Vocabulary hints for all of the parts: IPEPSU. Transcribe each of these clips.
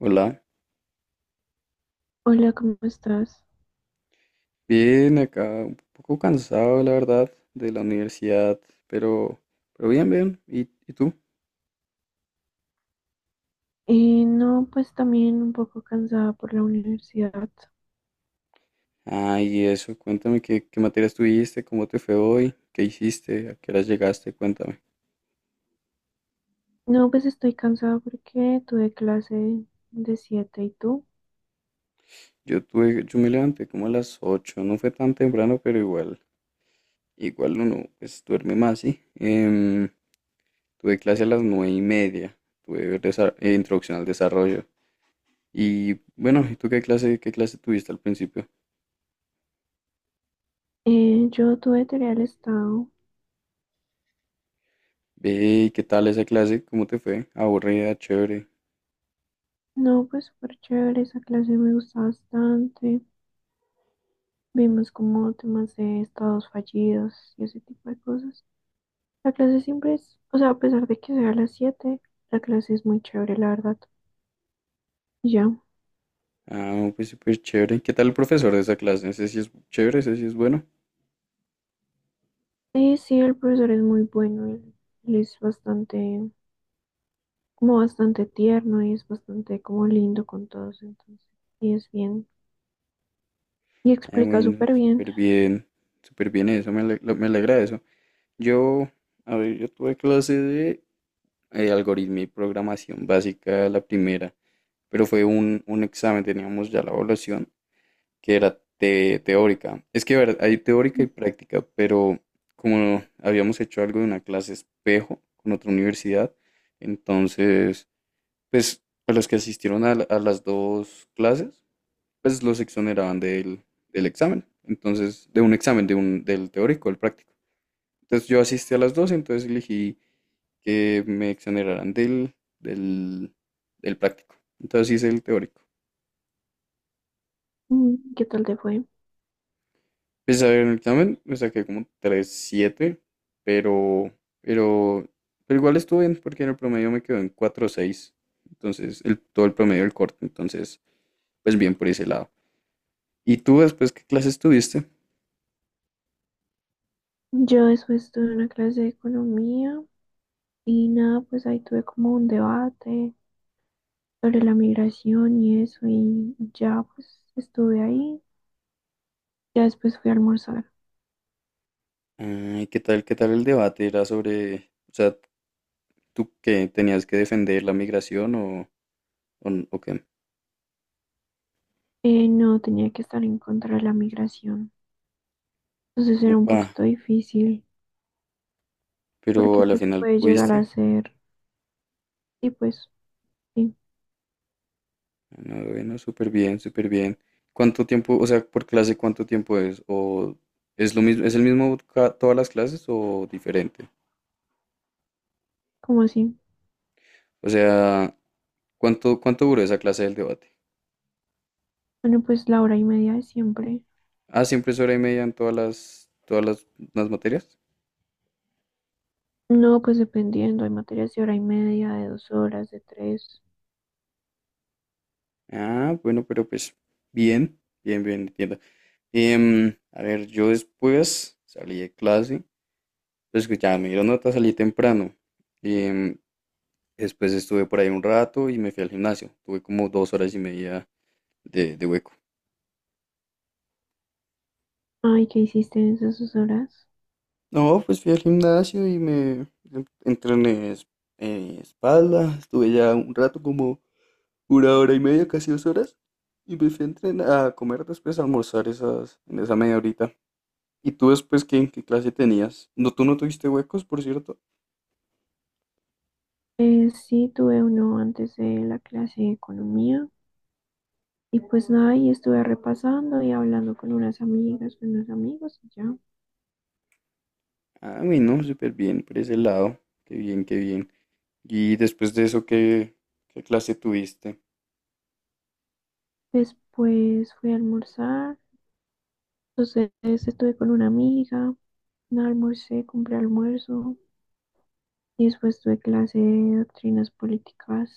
Hola, Hola, ¿cómo estás? bien acá, un poco cansado la verdad de la universidad, pero, pero bien, bien. Y tú? No, pues también un poco cansada por la universidad. Ah, y eso, cuéntame qué, qué materias tuviste, cómo te fue hoy, qué hiciste, a qué horas llegaste, cuéntame. No, pues estoy cansada porque tuve clase de siete. ¿Y tú? Yo tuve, yo me levanté como a las 8. No fue tan temprano, pero igual, igual uno pues duerme más, ¿sí? Tuve clase a las nueve y media, tuve introducción al desarrollo. Y bueno, ¿y tú qué clase tuviste al principio? Yo tuve teoría del Estado. Ve, ¿y qué tal esa clase? ¿Cómo te fue? ¿Aburrida, chévere? No, pues súper chévere, esa clase me gustó bastante. Vimos como temas de estados fallidos y ese tipo de cosas. La clase siempre es, o sea, a pesar de que sea a las 7, la clase es muy chévere, la verdad. Y ya. Ah, no, pues súper chévere. ¿Qué tal el profesor de esa clase? Ese sí es chévere, ese sí es bueno. Sí, el profesor es muy bueno, él es bastante, como bastante tierno, y es bastante como lindo con todos, entonces, y es bien, y Ah, explica bueno, súper bien. súper bien. Súper bien eso, me alegra eso. Yo, a ver, yo tuve clase de algoritmo y programación básica, la primera, pero fue un examen, teníamos ya la evaluación. Que era teórica. Es que a ver, hay teórica y práctica, pero como habíamos hecho algo de una clase espejo con otra universidad, entonces, pues a los que asistieron a, a las dos clases, pues los exoneraban del, del examen. Entonces, de un examen, de un, del teórico, del práctico. Entonces yo asistí a las dos, entonces elegí que me exoneraran del, del, del práctico. Entonces hice el teórico. Mm. ¿Qué tal te fue? Pues a ver, en el examen me saqué como 3.7, pero, pero, pero igual estuvo bien porque en el promedio me quedó en 4.6. Entonces, el, todo el promedio del corte. Entonces, pues bien por ese lado. ¿Y tú después qué clases tuviste? Yo después tuve una clase de economía y nada, pues ahí tuve como un debate sobre la migración y eso, y ya pues estuve ahí. Ya después fui a almorzar. Ay, qué tal el debate? ¿Era sobre, o sea, tú que tenías que defender la migración o qué? No tenía que estar en contra de la migración. Entonces era un Upa, poquito difícil pero porque a la pues final puede llegar a pudiste. ser, y pues sí, No, bueno, súper bien, súper bien. ¿Cuánto tiempo, o sea, por clase, cuánto tiempo es? ¿O es lo mismo, es el mismo todas las clases o diferente? como así? O sea, ¿cuánto, cuánto duró esa clase del debate? Bueno, pues la hora y media de siempre. Ah, siempre es hora y media en todas las materias. No, pues dependiendo, hay materias de hora y media, de dos horas, de tres. Ah, bueno, pero pues, bien, bien, bien, entiendo. A ver, yo después salí de clase, pues que ya me dieron nota, salí temprano. Em, Después estuve por ahí un rato y me fui al gimnasio. Tuve como dos horas y media de hueco. Ay, ¿qué hiciste en esas dos horas? No, pues fui al gimnasio y entrené espalda. Estuve ya un rato, como una hora y media, casi dos horas. Y me fui a entrenar, a comer después, a almorzar esas, en esa media horita. ¿Y tú después qué, qué clase tenías? ¿No, tú no tuviste huecos, por cierto? Sí, tuve uno antes de la clase de economía. Y pues nada, y estuve repasando y hablando con unas amigas, con unos amigos, y ya. Ah, no, súper bien por ese lado. Qué bien, qué bien. ¿Y después de eso qué, qué clase tuviste? Después fui a almorzar. Entonces estuve con una amiga, nada, almorcé, compré almuerzo. Y después tuve clase de doctrinas políticas.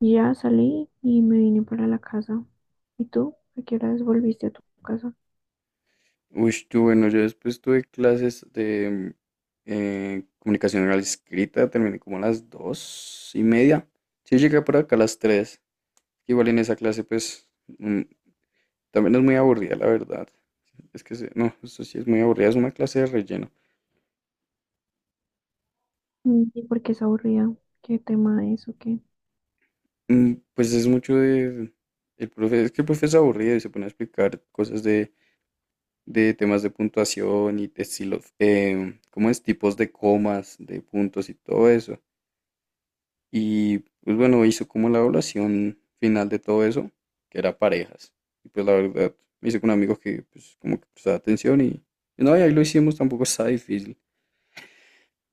Ya salí y me vine para la casa. ¿Y tú? ¿A qué horas volviste a tu casa? Uy, yo, bueno, yo después tuve clases de comunicación oral escrita, terminé como a las dos y media. Sí, llegué por acá a las tres. Igual en esa clase, pues, mm, también es muy aburrida, la verdad. Es que, no, eso sí es muy aburrida, es una clase de relleno. Mm. ¿Y por qué es aburrida? ¿Qué tema es o qué? Mm, pues es mucho de... El profe, es que el profe es aburrido y se pone a explicar cosas de temas de puntuación y de estilos, ¿cómo es? Tipos de comas, de puntos y todo eso. Y pues bueno, hizo como la evaluación final de todo eso, que era parejas. Y pues la verdad, me hice con un amigo que pues como que prestaba atención y no, y ahí lo hicimos, tampoco estaba difícil.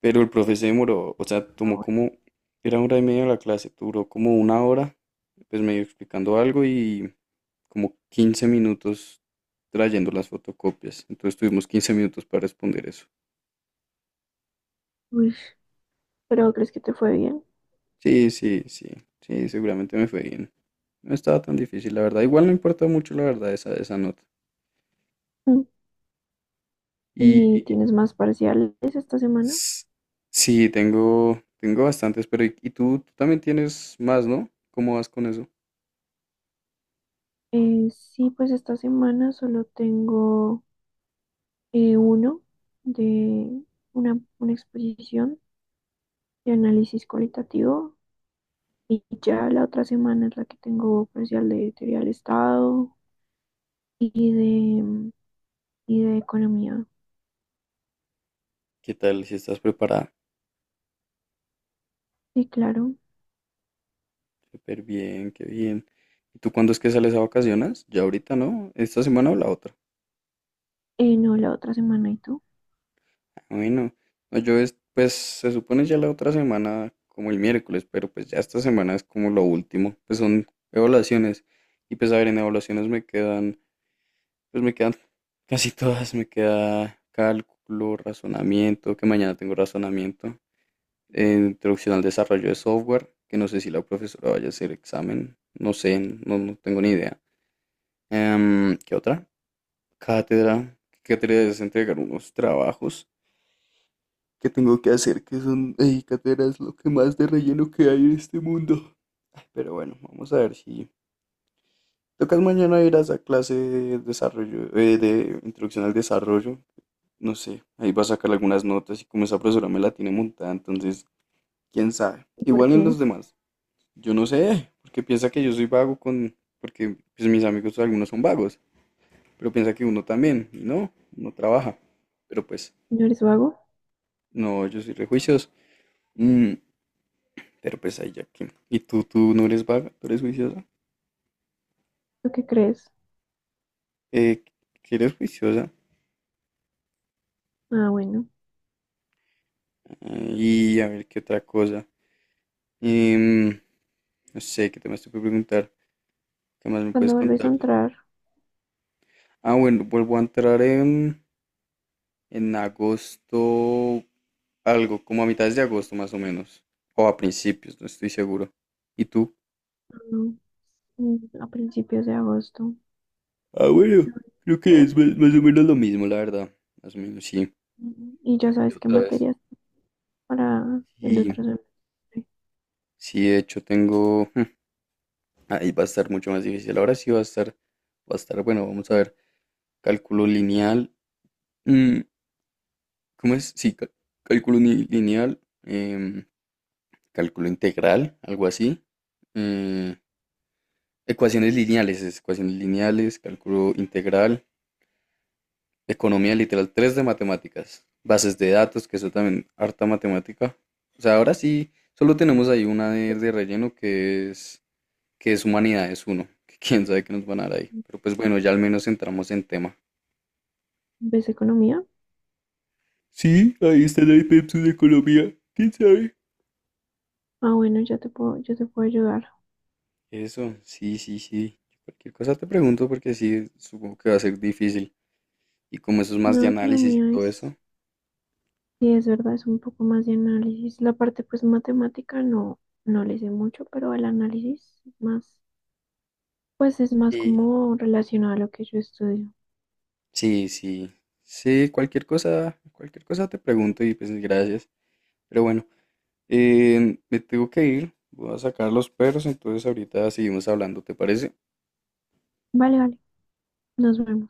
Pero el profe se demoró, o sea, Ah, tomó bueno. como, era una hora y media la clase, duró como una hora, pues medio explicando algo y como 15 minutos trayendo las fotocopias. Entonces tuvimos 15 minutos para responder eso. Uy, ¿pero crees que te fue bien? Sí, sí, sí, sí, seguramente me fue bien. No estaba tan difícil, la verdad. Igual no importa mucho, la verdad, esa nota. Mm. Y ¿Y tienes más parciales esta semana? s- sí, tengo, tengo bastantes, pero y tú también tienes más, ¿no? ¿Cómo vas con eso? Sí, pues esta semana solo tengo uno de una exposición de análisis cualitativo, y ya la otra semana es la que tengo parcial de teoría del Estado y de, y de economía. ¿Qué tal? Si estás preparada. Sí, claro. Súper bien, qué bien. ¿Y tú cuándo es que sales a vacaciones? Ya ahorita, ¿no? ¿Esta semana o la otra? No, la otra semana. ¿Y tú? Ah, bueno, no, yo es, pues se supone ya la otra semana como el miércoles, pero pues ya esta semana es como lo último. Pues son evaluaciones. Y pues a ver, en evaluaciones me quedan, pues me quedan casi todas. Me queda cálculo, razonamiento, que mañana tengo razonamiento, introducción al desarrollo de software, que no sé si la profesora vaya a hacer examen, no sé, no, no tengo ni idea. ¿Qué otra? Cátedra, que cátedra es entregar unos trabajos que tengo que hacer, que son, ey, cátedra es lo que más de relleno que hay en este mundo. Pero bueno, vamos a ver si... Tocas mañana ir a esa clase de desarrollo, de introducción al desarrollo. No sé, ahí va a sacar algunas notas y como esa profesora me la tiene montada, entonces, quién sabe. ¿Y por Igual en qué? los demás, yo no sé, porque piensa que yo soy vago con, porque pues, mis amigos algunos son vagos, pero piensa que uno también, y no, uno trabaja. Pero pues, ¿No eres vago? no, yo soy rejuicioso. Mm, pero pues ahí ya que. ¿Y tú no eres vaga? ¿Tú eres juiciosa? ¿Lo que crees? Eh, que eres juiciosa. Ah, bueno. Ah, y a ver qué otra cosa. Em, no sé, ¿qué te más te puedo preguntar? ¿Qué más me ¿Cuándo puedes vuelves a contar? entrar? Ah, bueno, vuelvo a entrar en... En agosto, algo, como a mitades de agosto más o menos, o a principios, no estoy seguro. ¿Y tú? No, mm, a principios de agosto. Ah, Ah, bueno, creo que bueno. es más, más o menos lo mismo, la verdad. Más o menos, sí. Mm, ¿y ya ¿Y sabes qué otra vez? materias para el Sí, otro semestre? sí, de hecho tengo... Ahí va a estar mucho más difícil. Ahora sí va a estar, bueno, vamos a ver. Cálculo lineal. Mm, ¿cómo es? Sí, cálculo lineal. Cálculo integral, algo así. eh, Ecuaciones lineales, es ecuaciones lineales, cálculo integral, economía literal, 3 de matemáticas, bases de datos, que eso también, harta matemática. O sea, ahora sí, solo tenemos ahí una de relleno que es humanidades uno, que quién sabe qué nos van a dar ahí. Pero pues bueno, ya al menos entramos en tema. ¿Ves economía? Sí, ahí está la IPEPSU de Colombia. ¿Quién sabe? Ah, bueno, ya te puedo, yo te puedo ayudar. Eso, sí, sí, sí. Cualquier cosa te pregunto porque sí, supongo que va a ser difícil. Y como eso es más de No, análisis y economía todo es, eso. sí, es verdad, es un poco más de análisis. La parte, pues, matemática no, no le sé mucho, pero el análisis es más. Pues es más Sí. como relacionado a lo que yo estudio. Sí, sí, sí, cualquier cosa te pregunto y pues gracias. Pero bueno, me tengo que ir, voy a sacar los perros, entonces ahorita seguimos hablando, ¿te parece? Vale, vale, nos vemos.